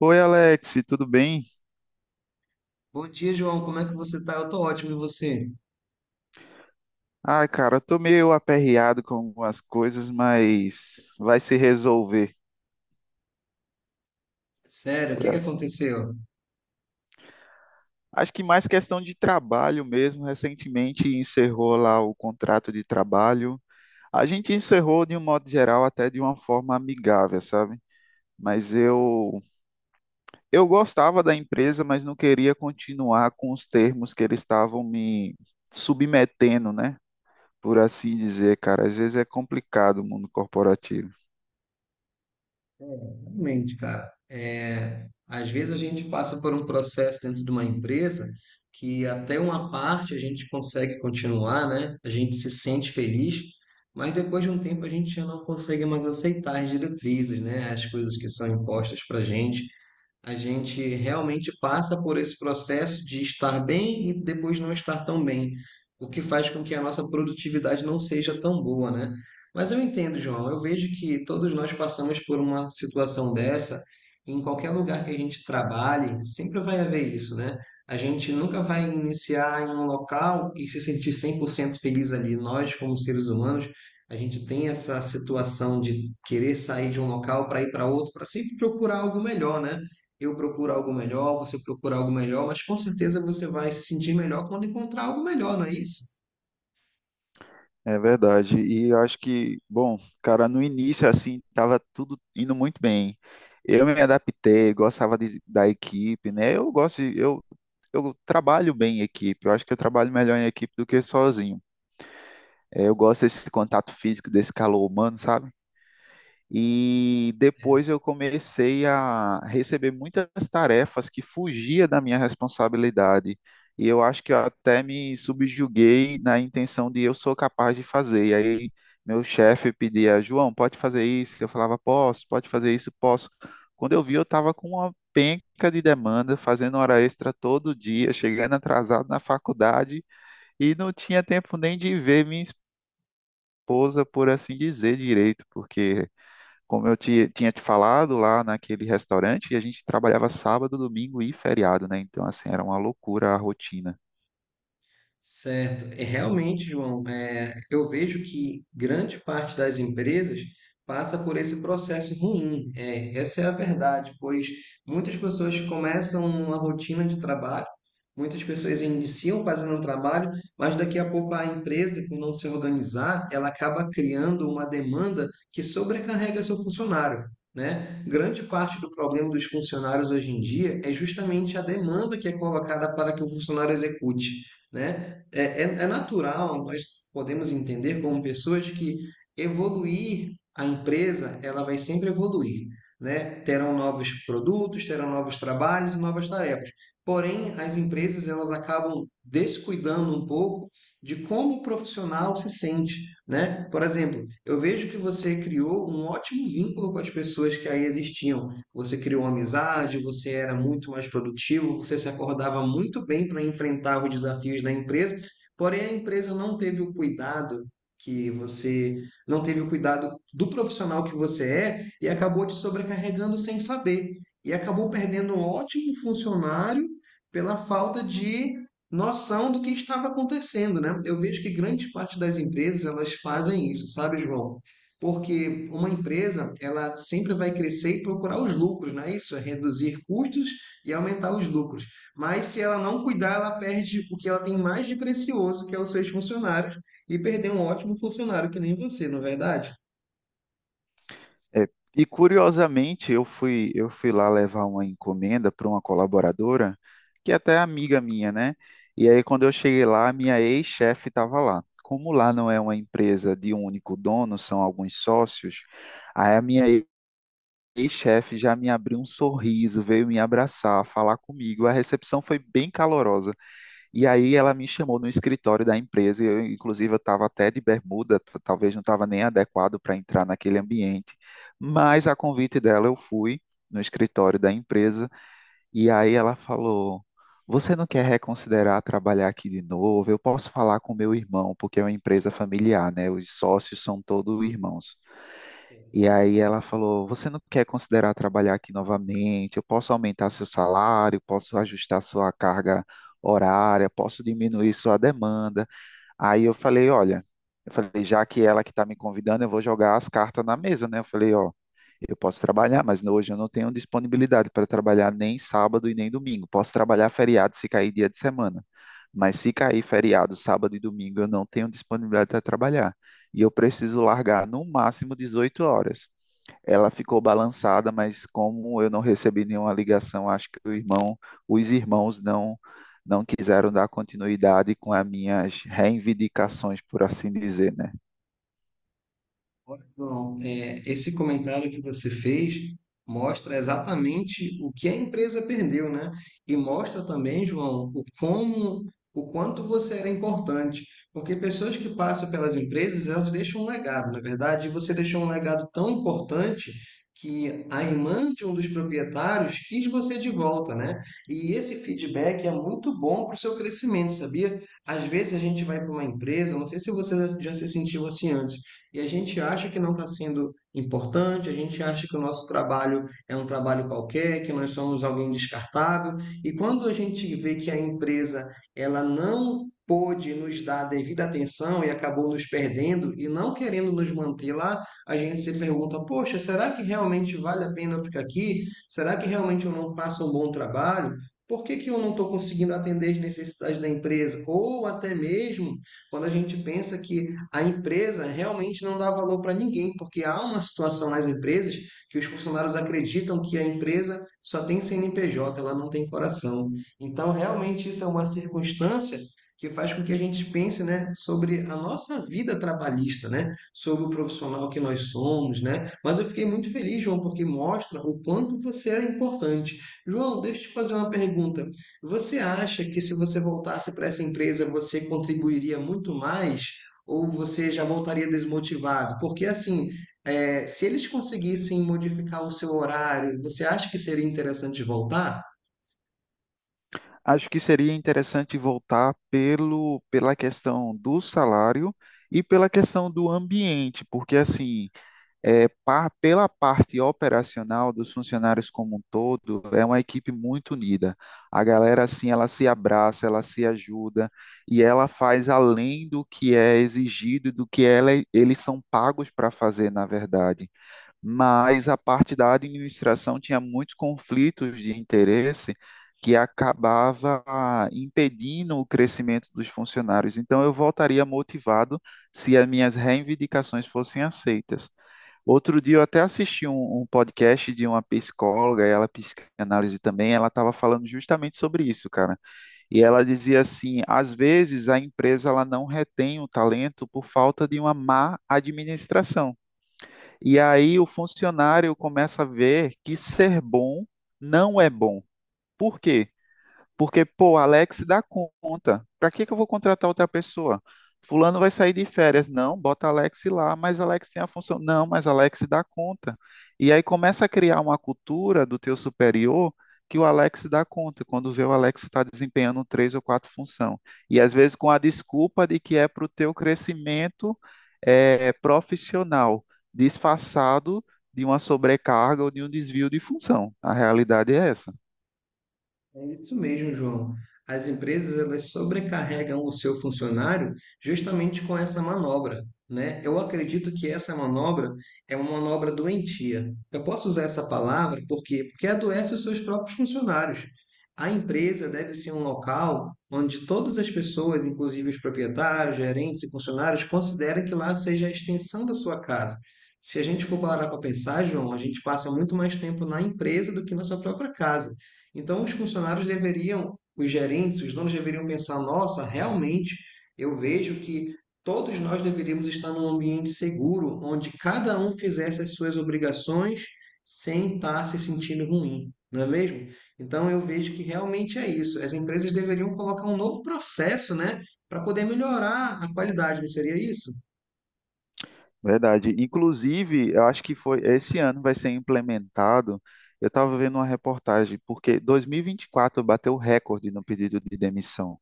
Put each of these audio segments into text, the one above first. Oi, Alex, tudo bem? Bom dia, João. Como é que você tá? Eu tô ótimo, e você? Ah, cara, eu tô meio aperreado com algumas coisas, mas vai se resolver Sério, o por que que assim. aconteceu? Acho que mais questão de trabalho mesmo. Recentemente encerrou lá o contrato de trabalho. A gente encerrou de um modo geral, até de uma forma amigável, sabe? Mas eu gostava da empresa, mas não queria continuar com os termos que eles estavam me submetendo, né? Por assim dizer, cara. Às vezes é complicado o mundo corporativo. Realmente, cara, é, às vezes a gente passa por um processo dentro de uma empresa que até uma parte a gente consegue continuar, né? A gente se sente feliz, mas depois de um tempo a gente já não consegue mais aceitar as diretrizes, né? As coisas que são impostas pra gente. A gente realmente passa por esse processo de estar bem e depois não estar tão bem, o que faz com que a nossa produtividade não seja tão boa, né? Mas eu entendo, João, eu vejo que todos nós passamos por uma situação dessa, e em qualquer lugar que a gente trabalhe, sempre vai haver isso, né? A gente nunca vai iniciar em um local e se sentir 100% feliz ali. Nós, como seres humanos, a gente tem essa situação de querer sair de um local para ir para outro, para sempre procurar algo melhor, né? Eu procuro algo melhor, você procura algo melhor, mas com certeza você vai se sentir melhor quando encontrar algo melhor, não é isso? É verdade. E eu acho que, bom, cara, no início, assim, tava tudo indo muito bem. Eu me adaptei, da equipe, né? Eu trabalho bem em equipe. Eu acho que eu trabalho melhor em equipe do que sozinho. É, eu gosto desse contato físico, desse calor humano, sabe? E depois eu comecei a receber muitas tarefas que fugia da minha responsabilidade. E eu acho que eu até me subjuguei na intenção de eu sou capaz de fazer. E aí meu chefe pedia: "João, pode fazer isso?" Eu falava: "Posso." "Pode fazer isso?" "Posso." Quando eu vi, eu estava com uma penca de demanda, fazendo hora extra todo dia, chegando atrasado na faculdade e não tinha tempo nem de ver minha esposa, por assim dizer, direito, porque como tinha te falado lá naquele restaurante, e a gente trabalhava sábado, domingo e feriado, né? Então, assim, era uma loucura a rotina. Certo. É, realmente, João, é, eu vejo que grande parte das empresas passa por esse processo ruim. É, essa é a verdade, pois muitas pessoas começam uma rotina de trabalho, muitas pessoas iniciam fazendo um trabalho, mas daqui a pouco a empresa, por não se organizar, ela acaba criando uma demanda que sobrecarrega seu funcionário. Né? Grande parte do problema dos funcionários hoje em dia é justamente a demanda que é colocada para que o funcionário execute, né? É natural, nós podemos entender como pessoas que evoluir a empresa, ela vai sempre evoluir, né? Terão novos produtos, terão novos trabalhos, e novas tarefas. Porém, as empresas elas acabam descuidando um pouco de como o profissional se sente, né? Por exemplo, eu vejo que você criou um ótimo vínculo com as pessoas que aí existiam. Você criou amizade, você era muito mais produtivo, você se acordava muito bem para enfrentar os desafios da empresa. Porém, a empresa não teve o cuidado que você não teve o cuidado do profissional que você é e acabou te sobrecarregando sem saber. E acabou perdendo um ótimo funcionário pela falta de noção do que estava acontecendo, né? Eu vejo que grande parte das empresas elas fazem isso, sabe, João? Porque uma empresa, ela sempre vai crescer e procurar os lucros, não é isso? É reduzir custos e aumentar os lucros. Mas se ela não cuidar, ela perde o que ela tem mais de precioso, que é os seus funcionários, e perder um ótimo funcionário que nem você, não é verdade? É, e curiosamente, eu fui lá levar uma encomenda para uma colaboradora, que até é amiga minha, né? E aí, quando eu cheguei lá, minha ex-chefe estava lá. Como lá não é uma empresa de um único dono, são alguns sócios, aí a minha ex-chefe já me abriu um sorriso, veio me abraçar, falar comigo. A recepção foi bem calorosa. E aí ela me chamou no escritório da empresa, e eu, inclusive eu estava até de bermuda, talvez não estava nem adequado para entrar naquele ambiente, mas a convite dela eu fui no escritório da empresa e aí ela falou: "Você não quer reconsiderar trabalhar aqui de novo? Eu posso falar com meu irmão, porque é uma empresa familiar, né? Os sócios são todos irmãos." E Sim. aí ela falou: "Você não quer considerar trabalhar aqui novamente? Eu posso aumentar seu salário, posso ajustar sua carga horária, posso diminuir sua demanda." Aí eu falei: "Olha", eu falei, já que ela que está me convidando, eu vou jogar as cartas na mesa, né? Eu falei: "Ó, eu posso trabalhar, mas hoje eu não tenho disponibilidade para trabalhar nem sábado e nem domingo. Posso trabalhar feriado se cair dia de semana. Mas se cair feriado, sábado e domingo, eu não tenho disponibilidade para trabalhar. E eu preciso largar no máximo 18 horas." Ela ficou balançada, mas como eu não recebi nenhuma ligação, acho que o irmão, os irmãos não quiseram dar continuidade com as minhas reivindicações, por assim dizer, né? Olha, João, é, esse comentário que você fez mostra exatamente o que a empresa perdeu, né? E mostra também, João, o como, o quanto você era importante. Porque pessoas que passam pelas empresas, elas deixam um legado, na verdade, e você deixou um legado tão importante que a irmã de um dos proprietários quis você de volta, né? E esse feedback é muito bom para o seu crescimento, sabia? Às vezes a gente vai para uma empresa, não sei se você já se sentiu assim antes, e a gente acha que não está sendo importante, a gente acha que o nosso trabalho é um trabalho qualquer, que nós somos alguém descartável, e quando a gente vê que a empresa ela não pôde nos dar a devida atenção e acabou nos perdendo e não querendo nos manter lá, a gente se pergunta: poxa, será que realmente vale a pena eu ficar aqui? Será que realmente eu não faço um bom trabalho? Por que, que eu não estou conseguindo atender as necessidades da empresa? Ou até mesmo quando a gente pensa que a empresa realmente não dá valor para ninguém, porque há uma situação nas empresas que os funcionários acreditam que a empresa só tem CNPJ, ela não tem coração. Então, realmente, isso é uma circunstância que faz com que a gente pense, né, sobre a nossa vida trabalhista, né, sobre o profissional que nós somos, né. Mas eu fiquei muito feliz, João, porque mostra o quanto você é importante. João, deixa eu te fazer uma pergunta. Você acha que se você voltasse para essa empresa, você contribuiria muito mais ou você já voltaria desmotivado? Porque assim, é, se eles conseguissem modificar o seu horário, você acha que seria interessante voltar? Acho que seria interessante voltar pelo, pela questão do salário e pela questão do ambiente, porque assim, é, pela parte operacional dos funcionários como um todo, é uma equipe muito unida. A galera, assim, ela se abraça, ela se ajuda e ela faz além do que é exigido e do que ela, eles são pagos para fazer, na verdade, mas a parte da administração tinha muitos conflitos de interesse que acabava impedindo o crescimento dos funcionários. Então, eu voltaria motivado se as minhas reivindicações fossem aceitas. Outro dia eu até assisti um podcast de uma psicóloga, ela é psicanálise também, ela estava falando justamente sobre isso, cara. E ela dizia assim, às vezes a empresa ela não retém o talento por falta de uma má administração. E aí o funcionário começa a ver que ser bom não é bom. Por quê? Porque, pô, Alex dá conta. Para que que eu vou contratar outra pessoa? Fulano vai sair de férias. Não, bota Alex lá, mas Alex tem a função. Não, mas Alex dá conta. E aí começa a criar uma cultura do teu superior que o Alex dá conta, quando vê o Alex está desempenhando três ou quatro funções. E às vezes com a desculpa de que é para o teu crescimento é, profissional, disfarçado de uma sobrecarga ou de um desvio de função. A realidade é essa. É isso mesmo, João. As empresas elas sobrecarregam o seu funcionário justamente com essa manobra, né? Eu acredito que essa manobra é uma manobra doentia. Eu posso usar essa palavra porque adoece os seus próprios funcionários. A empresa deve ser um local onde todas as pessoas, inclusive os proprietários, gerentes e funcionários, considerem que lá seja a extensão da sua casa. Se a gente for parar para pensar, João, a gente passa muito mais tempo na empresa do que na sua própria casa. Então, os funcionários deveriam, os gerentes, os donos deveriam pensar: nossa, realmente eu vejo que todos nós deveríamos estar num ambiente seguro, onde cada um fizesse as suas obrigações sem estar se sentindo ruim, não é mesmo? Então, eu vejo que realmente é isso. As empresas deveriam colocar um novo processo, né, para poder melhorar a qualidade, não seria isso? Verdade. Inclusive, eu acho que foi esse ano vai ser implementado. Eu estava vendo uma reportagem, porque 2024 bateu recorde no pedido de demissão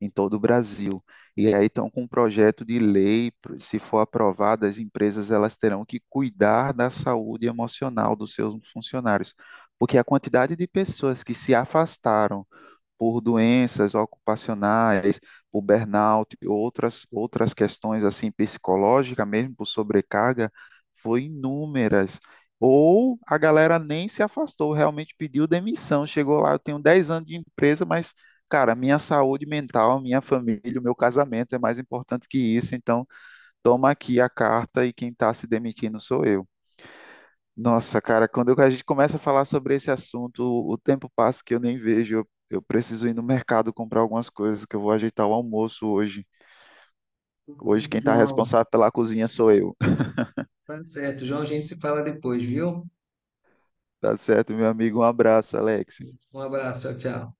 em todo o Brasil. E aí estão com um projeto de lei, se for aprovado, as empresas elas terão que cuidar da saúde emocional dos seus funcionários, porque a quantidade de pessoas que se afastaram por doenças ocupacionais, por burnout, outras questões assim psicológicas, mesmo por sobrecarga, foi inúmeras. Ou a galera nem se afastou, realmente pediu demissão, chegou lá, eu tenho 10 anos de empresa, mas, cara, minha saúde mental, minha família, o meu casamento é mais importante que isso, então toma aqui a carta e quem está se demitindo sou eu. Nossa, cara, a gente começa a falar sobre esse assunto, o tempo passa que eu nem vejo. Eu preciso ir no mercado comprar algumas coisas, que eu vou ajeitar o almoço hoje. Tudo Hoje bem, quem está João. responsável pela cozinha sou eu. Tá certo, João, a gente se fala depois, viu? Tá certo, meu amigo? Um abraço, Alex. Um abraço, tchau, tchau.